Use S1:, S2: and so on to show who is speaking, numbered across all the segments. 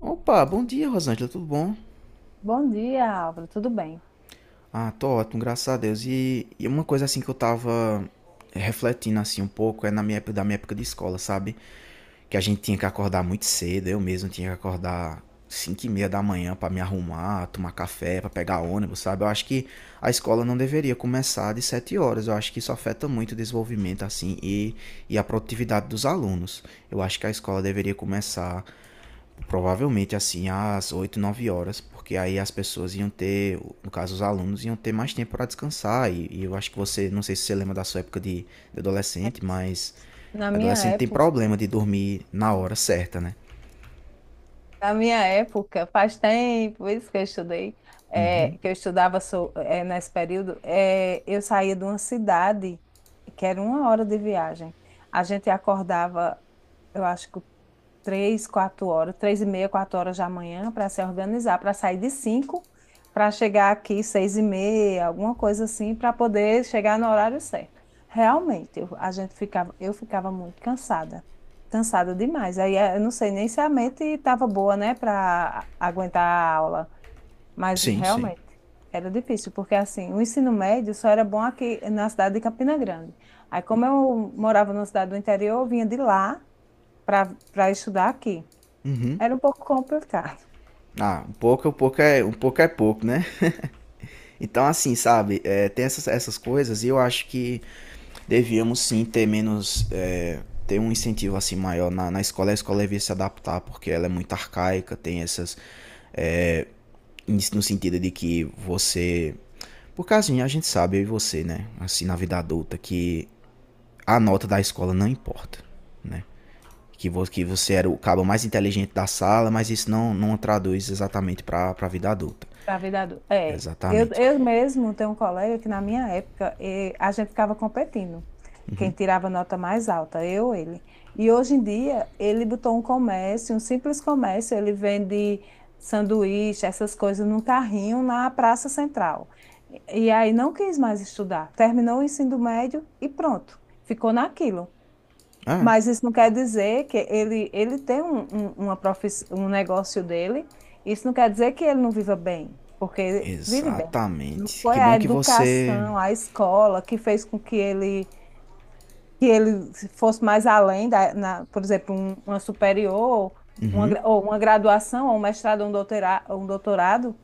S1: Opa, bom dia, Rosângela, tudo bom?
S2: Bom dia, Álvaro. Tudo bem?
S1: Ah, tô ótimo, graças a Deus. E uma coisa assim que eu tava refletindo assim um pouco é na minha época, da minha época de escola, sabe? Que a gente tinha que acordar muito cedo, eu mesmo tinha que acordar 5:30 da manhã pra me arrumar, tomar café, pra pegar ônibus, sabe? Eu acho que a escola não deveria começar de 7 horas, eu acho que isso afeta muito o desenvolvimento assim e a produtividade dos alunos. Eu acho que a escola deveria começar provavelmente assim às 8, 9 horas, porque aí as pessoas iam ter, no caso os alunos, iam ter mais tempo para descansar. E eu acho que você, não sei se você lembra da sua época de adolescente, mas
S2: Na minha
S1: adolescente tem
S2: época,
S1: problema de dormir na hora certa, né?
S2: na minha época, faz tempo isso que eu estudei,
S1: Uhum.
S2: que eu estudava nesse período, eu saía de uma cidade que era uma hora de viagem. A gente acordava, eu acho que três, quatro horas, três e meia, quatro horas da manhã para se organizar, para sair de cinco, para chegar aqui 6:30, alguma coisa assim, para poder chegar no horário certo. Realmente, eu ficava muito cansada, cansada demais. Aí eu não sei nem se a mente estava boa, né, para aguentar a aula, mas
S1: Sim, sim.
S2: realmente era difícil, porque assim, o ensino médio só era bom aqui na cidade de Campina Grande. Aí, como eu morava numa cidade do interior, eu vinha de lá para estudar aqui.
S1: Uhum.
S2: Era um pouco complicado.
S1: Ah, um pouco é pouco, né? Então, assim, sabe, é, tem essas coisas e eu acho que devíamos sim ter menos, ter um incentivo assim maior na escola. A escola devia se adaptar porque ela é muito arcaica, tem essas no sentido de que você. Por causa a gente sabe, eu e você, né? Assim, na vida adulta, que a nota da escola não importa, né? Que, vo que você era o cabo mais inteligente da sala, mas isso não traduz exatamente pra vida adulta.
S2: Pra vida É. Eu,
S1: Exatamente.
S2: eu mesmo tenho um colega que na minha época a gente ficava competindo. Quem tirava nota mais alta, eu ou ele. E hoje em dia ele botou um comércio, um simples comércio, ele vende sanduíche, essas coisas num carrinho na Praça Central. E e aí não quis mais estudar. Terminou o ensino médio e pronto. Ficou naquilo.
S1: Ah,
S2: Mas isso não quer dizer que ele tem uma profissão, um negócio dele. Isso não quer dizer que ele não viva bem, porque ele vive bem. Não
S1: exatamente. Que
S2: foi
S1: bom
S2: a
S1: que você.
S2: educação, a escola que fez com que ele fosse mais além por exemplo, uma superior, ou uma graduação, ou um mestrado, ou ou um doutorado,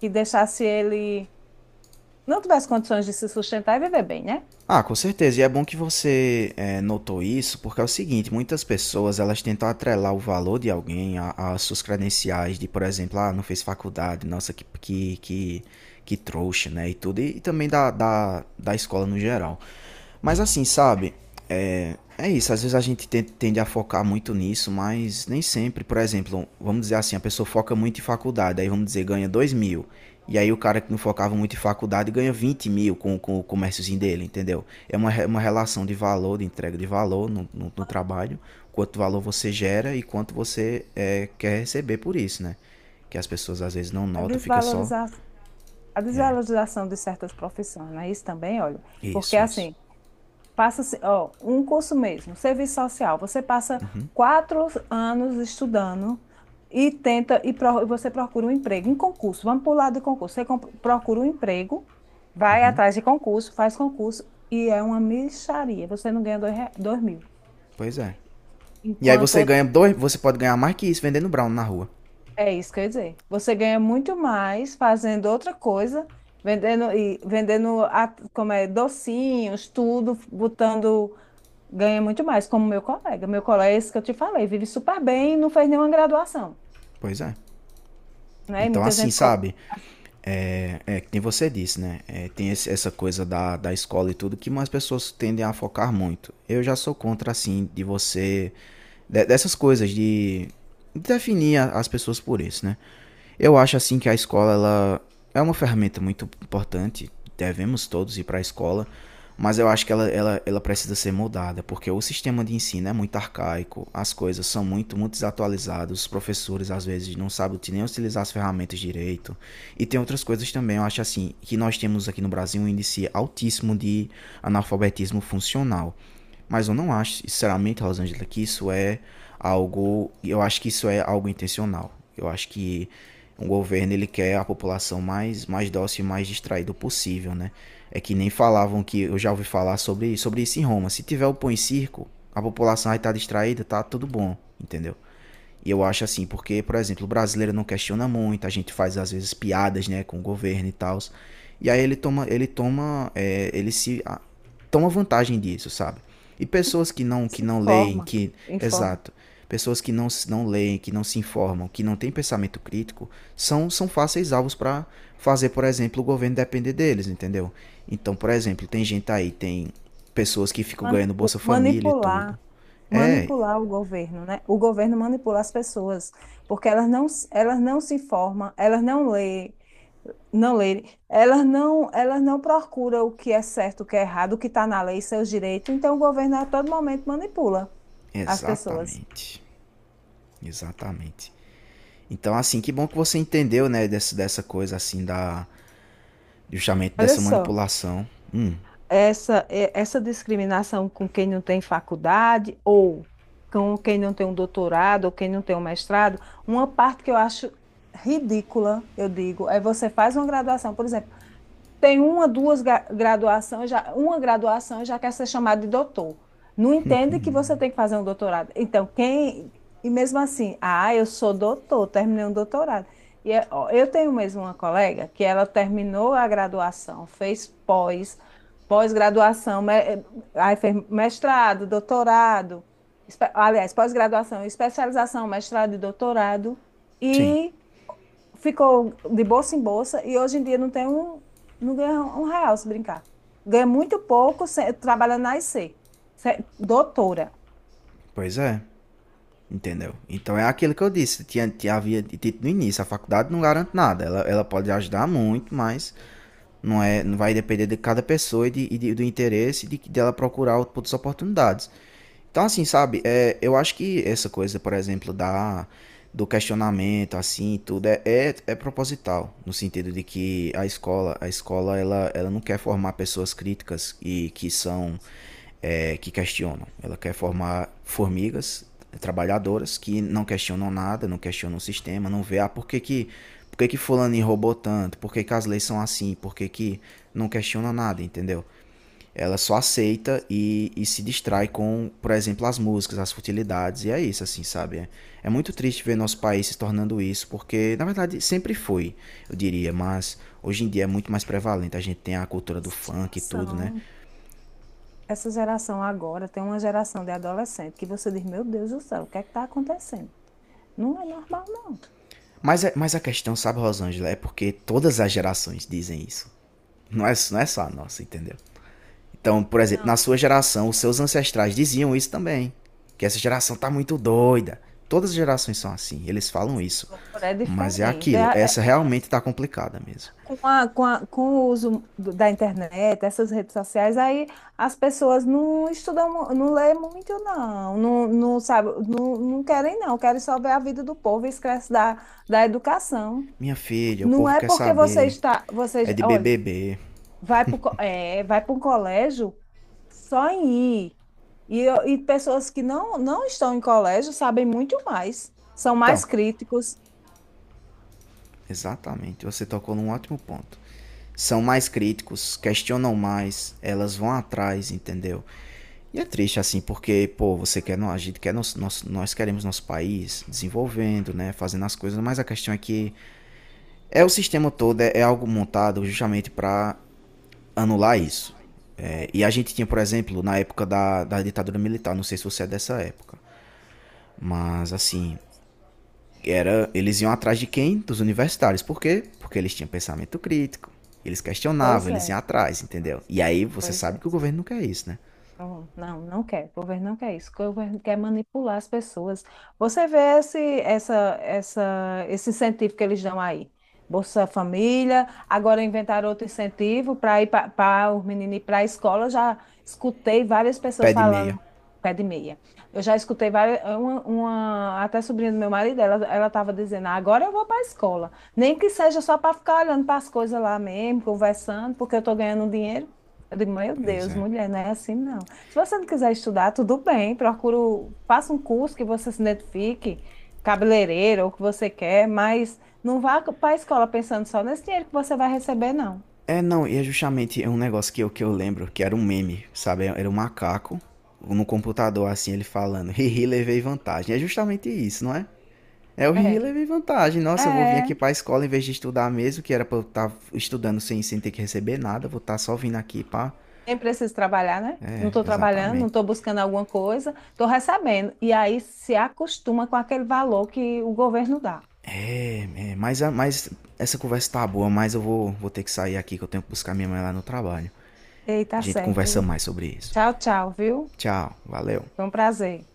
S2: que deixasse ele não tivesse condições de se sustentar e viver bem, né?
S1: Ah, com certeza. E é bom que você notou isso, porque é o seguinte, muitas pessoas elas tentam atrelar o valor de alguém às suas credenciais de, por exemplo, ah, não fez faculdade, nossa, que trouxa, né? E tudo, também da escola no geral. Mas assim, sabe, é isso, às vezes a gente tende a focar muito nisso, mas nem sempre. Por exemplo, vamos dizer assim, a pessoa foca muito em faculdade, aí vamos dizer, ganha 2 mil. E aí o cara que não focava muito em faculdade ganha 20 mil com o comérciozinho dele, entendeu? É uma, uma relação de valor, de entrega de valor no trabalho, quanto valor você gera e quanto você quer receber por isso, né? Que as pessoas às vezes não
S2: A
S1: notam, fica só.
S2: desvalorização a
S1: É,
S2: desvalorização de certas profissões, né? Isso também, olha, porque
S1: isso, isso.
S2: assim, passa, ó, um curso mesmo, serviço social, você passa 4 anos estudando você procura um emprego, um concurso, vamos para o lado de concurso, procura um emprego, vai atrás de concurso, faz concurso, e é uma mixaria, você não ganha 2.000.
S1: Pois é. E aí
S2: Enquanto
S1: você
S2: outro
S1: ganha dois, você pode ganhar mais que isso vendendo brown na rua.
S2: É isso que eu ia dizer. Você ganha muito mais fazendo outra coisa, vendendo como é, docinhos, tudo, botando, ganha muito mais, como meu colega. Meu colega, esse que eu te falei, vive super bem e não fez nenhuma graduação,
S1: Pois é.
S2: né? E
S1: Então,
S2: muita
S1: assim,
S2: gente como
S1: sabe? É, é que é, nem você disse, né? É, tem essa coisa da escola e tudo que mais pessoas tendem a focar muito. Eu já sou contra, assim, de você. Dessas coisas, de definir as pessoas por isso, né? Eu acho assim que a escola ela é uma ferramenta muito importante. Devemos todos ir para a escola, mas eu acho que ela precisa ser moldada, porque o sistema de ensino é muito arcaico, as coisas são muito, muito desatualizadas, os professores às vezes não sabem nem utilizar as ferramentas direito. E tem outras coisas também, eu acho assim, que nós temos aqui no Brasil um índice altíssimo de analfabetismo funcional. Mas eu não acho, sinceramente, Rosângela, que isso é algo. Eu acho que isso é algo intencional. Eu acho que um governo ele quer a população mais dócil e mais distraída possível, né? É que nem falavam que eu já ouvi falar sobre isso em Roma. Se tiver o pão e circo, a população vai estar distraída, tá tudo bom, entendeu? E eu acho assim, porque, por exemplo, o brasileiro não questiona muito, a gente faz às vezes piadas, né, com o governo e tal. E aí ele toma, ele se ah, toma vantagem disso, sabe? E pessoas que não, que
S2: se
S1: não leem,
S2: informa, informa.
S1: exato, pessoas que não leem, que não se informam, que não têm pensamento crítico, são fáceis alvos para fazer, por exemplo, o governo depender deles, entendeu? Então, por exemplo, tem gente aí, tem pessoas que ficam ganhando
S2: Manipu-
S1: Bolsa Família e tudo.
S2: manipular,
S1: É,
S2: manipular o governo, né? O governo manipula as pessoas, porque elas não se informam, elas não lê não lerem, elas não procuram o que é certo, o que é errado, o que está na lei, seus direitos. Então, o governo a todo momento manipula as pessoas.
S1: exatamente. Exatamente. Então, assim, que bom que você entendeu, né, dessa coisa, assim, justamente
S2: Olha
S1: dessa
S2: só,
S1: manipulação.
S2: essa discriminação com quem não tem faculdade ou com quem não tem um doutorado ou quem não tem um mestrado, uma parte que eu acho ridícula, eu digo, é você faz uma graduação, por exemplo. Tem uma, graduação, já, uma graduação já quer ser chamado de doutor. Não entende que você tem que fazer um doutorado. Então, quem. E mesmo assim, ah, eu sou doutor, terminei um doutorado. E ó, eu tenho mesmo uma colega que ela terminou a graduação, fez pós-graduação, aí fez mestrado, doutorado, aliás, pós-graduação, especialização, mestrado e doutorado.
S1: Sim,
S2: E ficou de bolsa em bolsa e hoje em dia não ganha um real se brincar. Ganha muito pouco trabalhando na IC, doutora.
S1: pois é, entendeu? Então é aquilo que eu disse, havia dito no início, a faculdade não garante nada, ela pode ajudar muito, mas não vai depender de cada pessoa do interesse dela procurar outras oportunidades. Então, assim, sabe, é, eu acho que essa coisa, por exemplo, do questionamento, assim, tudo, é proposital, no sentido de que a escola, ela não quer formar pessoas críticas e que são, que questionam. Ela quer formar formigas trabalhadoras que não questionam nada, não questionam o sistema, não vê, por que, que fulano roubou tanto, por que, que as leis são assim, por que que não questiona nada, entendeu? Ela só aceita e se distrai com, por exemplo, as músicas, as futilidades, e é isso, assim, sabe? É muito
S2: Já foi
S1: triste ver
S2: criando
S1: nosso país se tornando isso, porque, na verdade, sempre foi, eu diria, mas hoje em dia é muito mais prevalente. A gente tem a cultura do
S2: essa
S1: funk e tudo, né?
S2: geração. Essa geração agora tem uma geração de adolescente que você diz, meu Deus do céu, o que é que está acontecendo? Não é normal, não.
S1: Mas a questão, sabe, Rosângela, é porque todas as gerações dizem isso. Não é só a nossa, entendeu? Então, por exemplo,
S2: Não,
S1: na sua
S2: mas agora
S1: geração, os seus ancestrais diziam isso também. Que essa geração tá muito doida. Todas as gerações são assim, eles falam isso.
S2: é
S1: Mas é
S2: diferente.
S1: aquilo, essa realmente tá complicada mesmo.
S2: Com a, com o uso da internet, essas redes sociais, aí as pessoas não estudam, não lê muito, não sabe, não querem, não, querem só ver a vida do povo e esquece da educação.
S1: Minha filha, o
S2: Não
S1: povo
S2: é
S1: quer
S2: porque você
S1: saber.
S2: está,
S1: É
S2: você,
S1: de
S2: olhe,
S1: BBB.
S2: vai para um colégio só em ir. E pessoas que não estão em colégio sabem muito mais, são
S1: Então,
S2: mais críticos.
S1: exatamente, você tocou num ótimo ponto. São mais críticos, questionam mais, elas vão atrás, entendeu? E é triste assim, porque, pô, você quer, a gente quer, nós queremos nosso país desenvolvendo, né, fazendo as coisas, mas a questão é que é o sistema todo, é algo montado justamente para anular
S2: Isso.
S1: isso. É,
S2: É.
S1: e a gente tinha, por exemplo, na época da ditadura militar, não sei se você é dessa época, mas assim, era eles iam atrás de quem? Dos universitários. Por quê? Porque eles tinham pensamento crítico, eles questionavam,
S2: Pois
S1: eles
S2: é,
S1: iam atrás, entendeu? E aí você
S2: pois
S1: sabe
S2: é.
S1: que o governo não quer isso, né?
S2: Não, não quer. O governo não quer isso. O governo quer manipular as pessoas. Você vê esse incentivo que eles dão aí. Bolsa Família, agora inventaram outro incentivo para ir, para os meninos ir para a escola. Eu já escutei várias
S1: Pé
S2: pessoas
S1: de
S2: falando
S1: meia.
S2: pé de meia. Eu já escutei várias, até sobrinha do meu marido, ela estava dizendo, "Ah, agora eu vou para a escola. Nem que seja só para ficar olhando para as coisas lá mesmo, conversando, porque eu estou ganhando um dinheiro. Eu digo, meu
S1: Pois
S2: Deus,
S1: é.
S2: mulher, não é assim não. Se você não quiser estudar, tudo bem, procuro, faça um curso que você se identifique, cabeleireiro, ou o que você quer, mas não vá para a escola pensando só nesse dinheiro que você vai receber, não."
S1: É, não, e é justamente um negócio que eu lembro, que era um meme, sabe? Era um macaco no computador, assim, ele falando, hihi, levei vantagem. É justamente isso, não é? É o hihi,
S2: É,
S1: levei vantagem. Nossa, eu vou vir aqui
S2: é,
S1: pra escola em vez de estudar mesmo, que era pra eu estar estudando sem ter que receber nada, vou estar só vindo aqui pra...
S2: nem preciso trabalhar, né? Não
S1: É,
S2: estou trabalhando, não
S1: exatamente.
S2: estou buscando alguma coisa, estou recebendo. E aí se acostuma com aquele valor que o governo dá.
S1: É, mas essa conversa tá boa, mas eu vou ter que sair aqui, que eu tenho que buscar minha mãe lá no trabalho.
S2: Ei,
S1: A
S2: tá
S1: gente conversa
S2: certo.
S1: mais sobre isso.
S2: Tchau, tchau, viu?
S1: Tchau, valeu.
S2: Foi um prazer.